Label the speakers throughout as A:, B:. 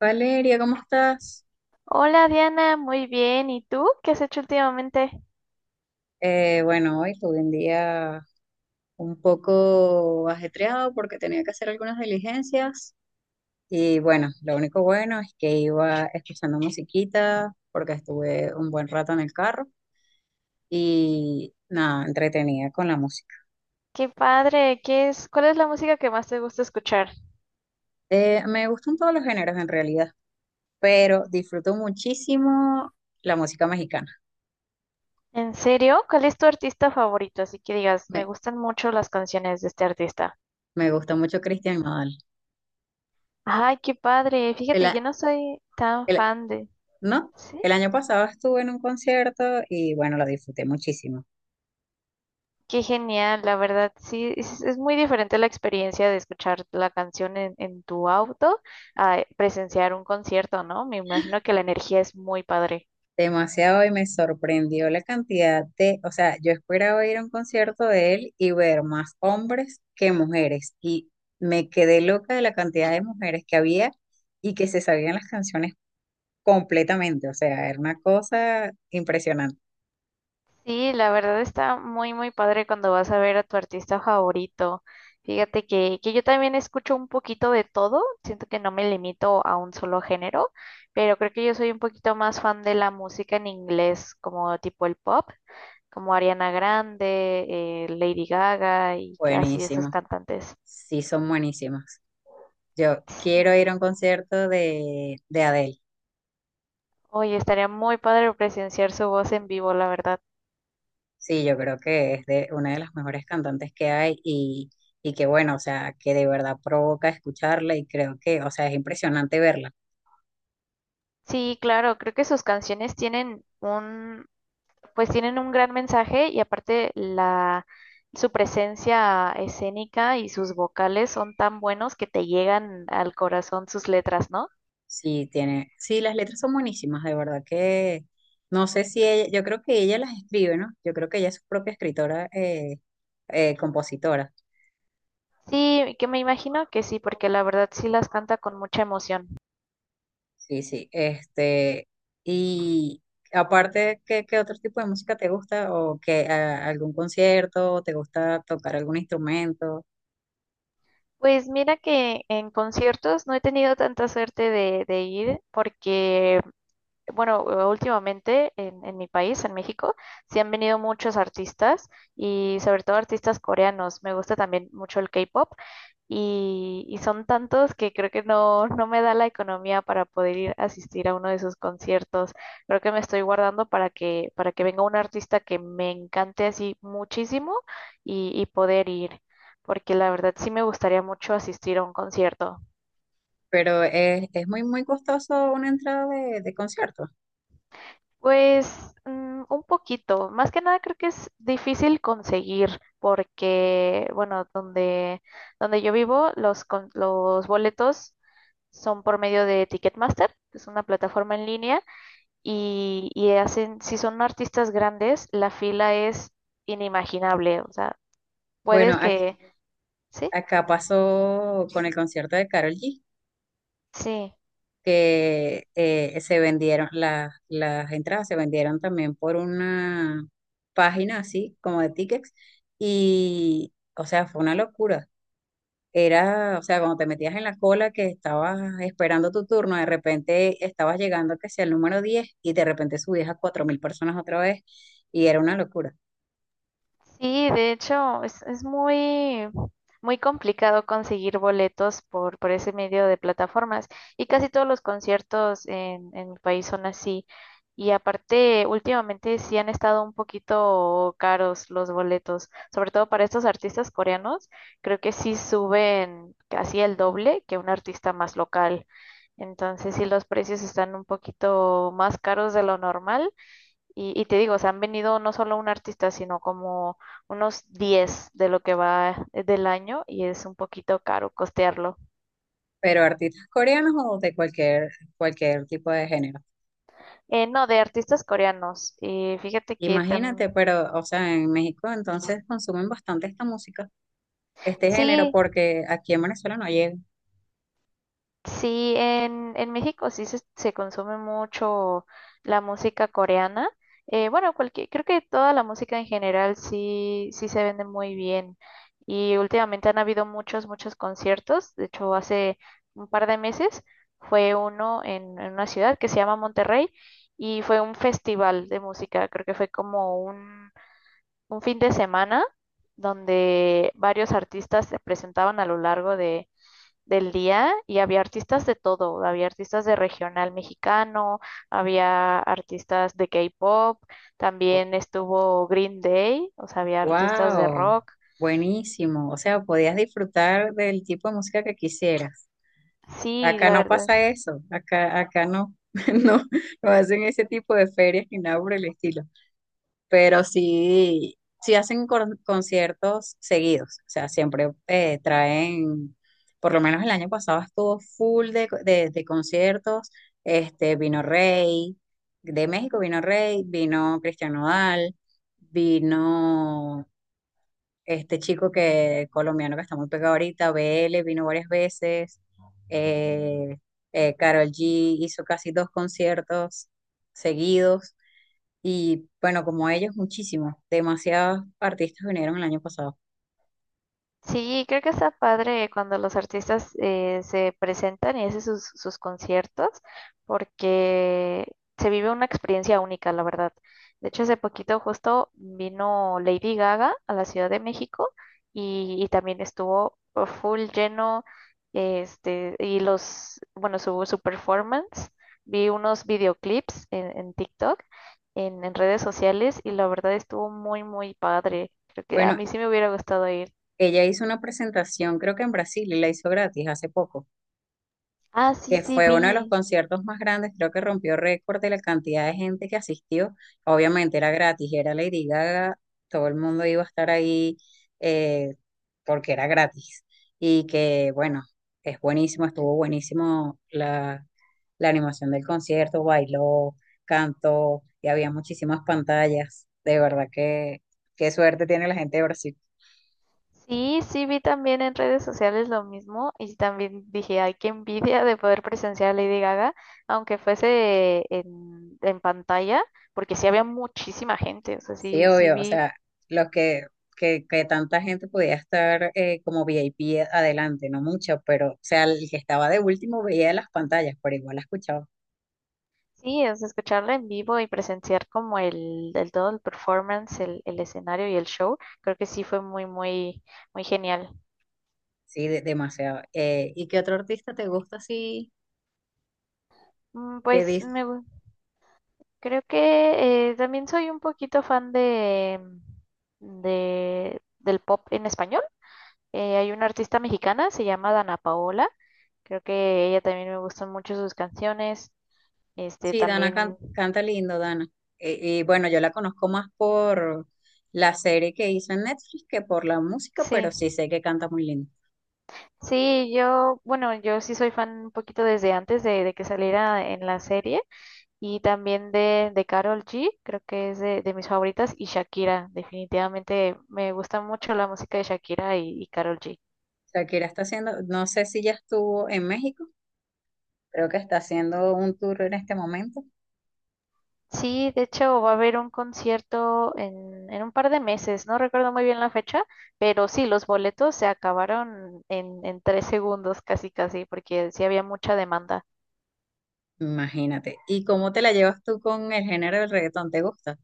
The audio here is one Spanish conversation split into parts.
A: Valeria, ¿cómo estás?
B: Hola Diana, muy bien. ¿Y tú? ¿Qué has hecho últimamente?
A: Bueno, hoy tuve un día un poco ajetreado porque tenía que hacer algunas diligencias y bueno, lo único bueno es que iba escuchando musiquita porque estuve un buen rato en el carro y nada, entretenida con la música.
B: Qué padre. ¿Qué es? ¿Cuál es la música que más te gusta escuchar?
A: Me gustan todos los géneros en realidad, pero disfruto muchísimo la música mexicana.
B: ¿En serio? ¿Cuál es tu artista favorito? Así que digas, me
A: Me,
B: gustan mucho las canciones de este artista.
A: me gusta mucho Cristian Nodal.
B: Ay, qué padre.
A: El,
B: Fíjate, yo no soy tan fan de.
A: No,
B: ¿Sí?
A: el año pasado estuve en un concierto y bueno, lo disfruté muchísimo.
B: Qué genial, la verdad. Sí, es muy diferente la experiencia de escuchar la canción en tu auto a presenciar un concierto, ¿no? Me imagino que la energía es muy padre.
A: Demasiado, y me sorprendió la cantidad de, o sea, yo esperaba ir a un concierto de él y ver más hombres que mujeres, y me quedé loca de la cantidad de mujeres que había y que se sabían las canciones completamente, o sea, era una cosa impresionante.
B: Sí, la verdad está muy, muy padre cuando vas a ver a tu artista favorito. Fíjate que yo también escucho un poquito de todo, siento que no me limito a un solo género, pero creo que yo soy un poquito más fan de la música en inglés, como tipo el pop, como Ariana Grande, Lady Gaga y que así esas
A: Buenísimo,
B: cantantes.
A: sí son buenísimos. Yo quiero ir a un concierto de Adele.
B: Oye, estaría muy padre presenciar su voz en vivo, la verdad.
A: Sí, yo creo que es de una de las mejores cantantes que hay, y que bueno, o sea, que de verdad provoca escucharla y creo que, o sea, es impresionante verla.
B: Sí, claro, creo que sus canciones tienen pues tienen un gran mensaje y aparte su presencia escénica y sus vocales son tan buenos que te llegan al corazón sus letras, ¿no?
A: Sí, tiene, sí, las letras son buenísimas, de verdad que no sé si ella, yo creo que ella las escribe, ¿no? Yo creo que ella es su propia escritora, compositora.
B: Sí, que me imagino que sí, porque la verdad sí las canta con mucha emoción.
A: Sí, sí, este, y aparte, ¿qué, qué otro tipo de música te gusta? ¿O que algún concierto? ¿Te gusta tocar algún instrumento?
B: Pues mira que en conciertos no he tenido tanta suerte de ir porque bueno, últimamente en mi país, en México, sí han venido muchos artistas y sobre todo artistas coreanos. Me gusta también mucho el K-pop y son tantos que creo que no, no me da la economía para poder ir a asistir a uno de sus conciertos. Creo que me estoy guardando para que venga un artista que me encante así muchísimo y poder ir, porque la verdad sí me gustaría mucho asistir a un concierto.
A: Pero es muy, muy costoso una entrada de concierto.
B: Pues un poquito, más que nada creo que es difícil conseguir porque, bueno, donde yo vivo, los boletos son por medio de Ticketmaster, que es una plataforma en línea, y hacen, si son artistas grandes, la fila es inimaginable, o sea, puedes
A: Bueno, aquí-
B: que, sí,
A: Acá pasó con el concierto de Karol G,
B: sí.
A: que se vendieron, las entradas se vendieron también por una página así, como de tickets, y, o sea, fue una locura. Era, o sea, cuando te metías en la cola que estabas esperando tu turno, de repente estabas llegando que sea el número 10, y de repente subías a 4.000 personas otra vez, y era una locura.
B: Sí, de hecho, es muy, muy complicado conseguir boletos por ese medio de plataformas y casi todos los conciertos en mi país son así. Y aparte, últimamente sí han estado un poquito caros los boletos, sobre todo para estos artistas coreanos, creo que sí suben casi el doble que un artista más local. Entonces, sí, los precios están un poquito más caros de lo normal y te digo, o sea, han venido no solo un artista, sino como unos 10 de lo que va del año y es un poquito caro costearlo.
A: Pero artistas coreanos o de cualquier, cualquier tipo de género.
B: No, de artistas coreanos. Fíjate que también.
A: Imagínate, pero, o sea, en México entonces consumen bastante esta música, este género,
B: Sí.
A: porque aquí en Venezuela no llega.
B: Sí, en México sí se consume mucho la música coreana. Bueno, creo que toda la música en general sí, sí se vende muy bien. Y últimamente han habido muchos, muchos conciertos. De hecho, hace un par de meses fue uno en una ciudad que se llama Monterrey y fue un festival de música. Creo que fue como un fin de semana donde varios artistas se presentaban a lo largo de del día y había artistas de todo, había artistas de regional mexicano, había artistas de K-pop, también estuvo Green Day, o sea, había artistas de
A: ¡Wow!
B: rock.
A: Buenísimo. O sea, podías disfrutar del tipo de música que quisieras.
B: Sí,
A: Acá
B: la
A: no
B: verdad.
A: pasa eso. Acá, acá no, no, no hacen ese tipo de ferias ni nada por el estilo. Pero sí, sí hacen conciertos seguidos, o sea, siempre traen, por lo menos el año pasado estuvo full de, de conciertos, este, vino Rey, de México vino Rey, vino Cristian Nodal, vino este chico que, colombiano que está muy pegado ahorita, BL, vino varias veces, eh, Karol G hizo casi dos conciertos seguidos. Y bueno, como ellos, muchísimos, demasiados artistas vinieron el año pasado.
B: Sí, creo que está padre cuando los artistas se presentan y hacen sus conciertos, porque se vive una experiencia única, la verdad. De hecho, hace poquito justo vino Lady Gaga a la Ciudad de México y también estuvo oh, full lleno, este, su performance, vi unos videoclips en TikTok, en redes sociales, y la verdad estuvo muy, muy padre. Creo que a
A: Bueno,
B: mí sí me hubiera gustado ir.
A: ella hizo una presentación, creo que en Brasil, y la hizo gratis hace poco.
B: Ah, sí,
A: Que
B: sí,
A: fue uno de los
B: vi.
A: conciertos más grandes, creo que rompió récord de la cantidad de gente que asistió. Obviamente era gratis, era Lady Gaga, todo el mundo iba a estar ahí eh, porque era gratis. Y que bueno, es buenísimo, estuvo buenísimo la, la animación del concierto, bailó, cantó, y había muchísimas pantallas. De verdad que qué suerte tiene la gente de Brasil.
B: Sí, sí, vi también en redes sociales lo mismo y también dije, ay, qué envidia de poder presenciar a Lady Gaga, aunque fuese en pantalla, porque sí había muchísima gente, o sea,
A: Sí,
B: sí, sí
A: obvio, o
B: vi,
A: sea, los que, que tanta gente podía estar como V I P adelante, no mucho, pero, o sea, el que estaba de último veía las pantallas, pero igual la escuchaba,
B: sí, o sea, escucharla en vivo y presenciar como el todo el performance, el escenario y el show, creo que sí fue muy, muy, muy genial.
A: sí, demasiado. ¿Y qué otro artista te gusta así?
B: Mm,
A: Que
B: Pues
A: dice,
B: me, gu- Creo que también soy un poquito fan del pop en español. Hay una artista mexicana, se llama Dana Paola. Creo que ella también me gustan mucho sus canciones. Este
A: sí, Dana
B: también,
A: canta lindo, Dana. Y bueno, yo la conozco más por la serie que hizo en Netflix que por la música, pero
B: sí.
A: sí sé que canta muy lindo.
B: Sí, yo, bueno, yo sí soy fan un poquito desde antes de que saliera en la serie. Y también de Karol G, creo que es de mis favoritas. Y Shakira, definitivamente me gusta mucho la música de Shakira y Karol G.
A: Shakira está haciendo, no sé si ya estuvo en México, creo que está haciendo un tour en este momento.
B: Sí, de hecho va a haber un concierto en un par de meses, no recuerdo muy bien la fecha, pero sí, los boletos se acabaron en 3 segundos casi casi, porque sí había mucha demanda.
A: Imagínate. ¿Y cómo te la llevas tú con el género del reggaetón? ¿Te gusta?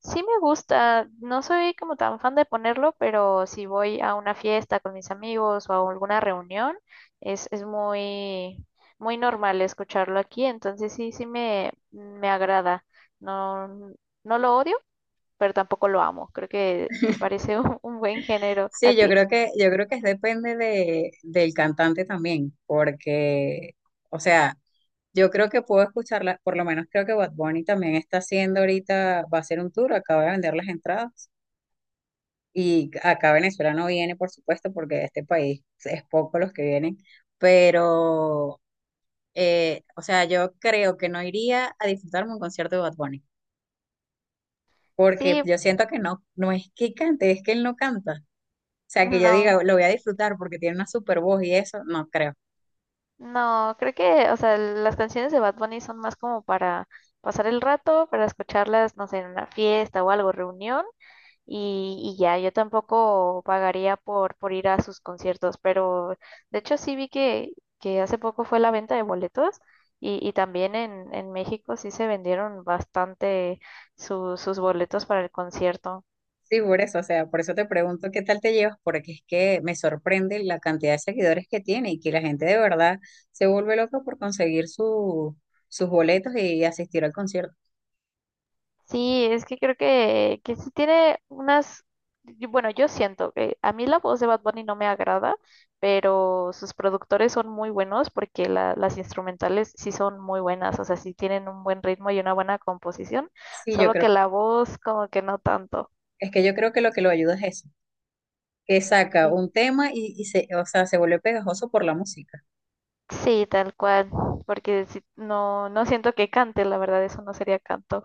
B: Sí me gusta, no soy como tan fan de ponerlo, pero si voy a una fiesta con mis amigos o a alguna reunión, es muy, muy normal escucharlo aquí, entonces sí, sí me agrada. No, no lo odio, pero tampoco lo amo. Creo que me parece un buen género. ¿A
A: Sí,
B: ti?
A: yo creo que es depende del cantante también, porque, o sea, yo creo que puedo escucharla, por lo menos creo que Bad Bunny también está haciendo ahorita, va a hacer un tour, acaba de vender las entradas. Y acá Venezuela no viene, por supuesto, porque de este país es poco los que vienen, pero, o sea, yo creo que no iría a disfrutarme un concierto de Bad Bunny. Porque
B: Sí,
A: yo siento que no, no es que cante, es que él no canta. O sea, que yo
B: no,
A: diga, lo voy a disfrutar porque tiene una super voz y eso, no creo.
B: no, creo que, o sea, las canciones de Bad Bunny son más como para pasar el rato, para escucharlas, no sé, en una fiesta o algo, reunión, y ya, yo tampoco pagaría por ir a sus conciertos, pero de hecho sí vi que hace poco fue la venta de boletos. Y también en México sí se vendieron bastante sus boletos para el concierto.
A: Sí, por eso, o sea, por eso te pregunto qué tal te llevas, porque es que me sorprende la cantidad de seguidores que tiene y que la gente de verdad se vuelve loca por conseguir sus boletos y asistir al concierto.
B: Sí, es que creo que sí tiene unas, y bueno, yo siento que a mí la voz de Bad Bunny no me agrada, pero sus productores son muy buenos porque las instrumentales sí son muy buenas, o sea, sí tienen un buen ritmo y una buena composición,
A: Sí, yo
B: solo
A: creo,
B: que la voz como que no tanto.
A: es que yo creo que lo ayuda es eso, que saca
B: Sí.
A: un tema y o sea, se vuelve pegajoso por la música.
B: Sí, tal cual, porque no, no siento que cante, la verdad, eso no sería canto.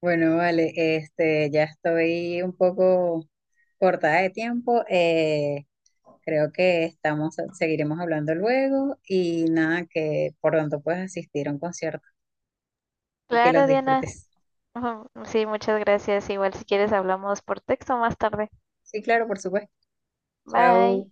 A: Bueno, vale, este, ya estoy un poco cortada de tiempo. Creo que estamos, seguiremos hablando luego y nada, que por pronto puedas asistir a un concierto y que los
B: Claro, Diana.
A: disfrutes.
B: Ujú, sí, muchas gracias. Igual si quieres hablamos por texto más tarde.
A: Sí, claro, por supuesto.
B: Bye.
A: Chao.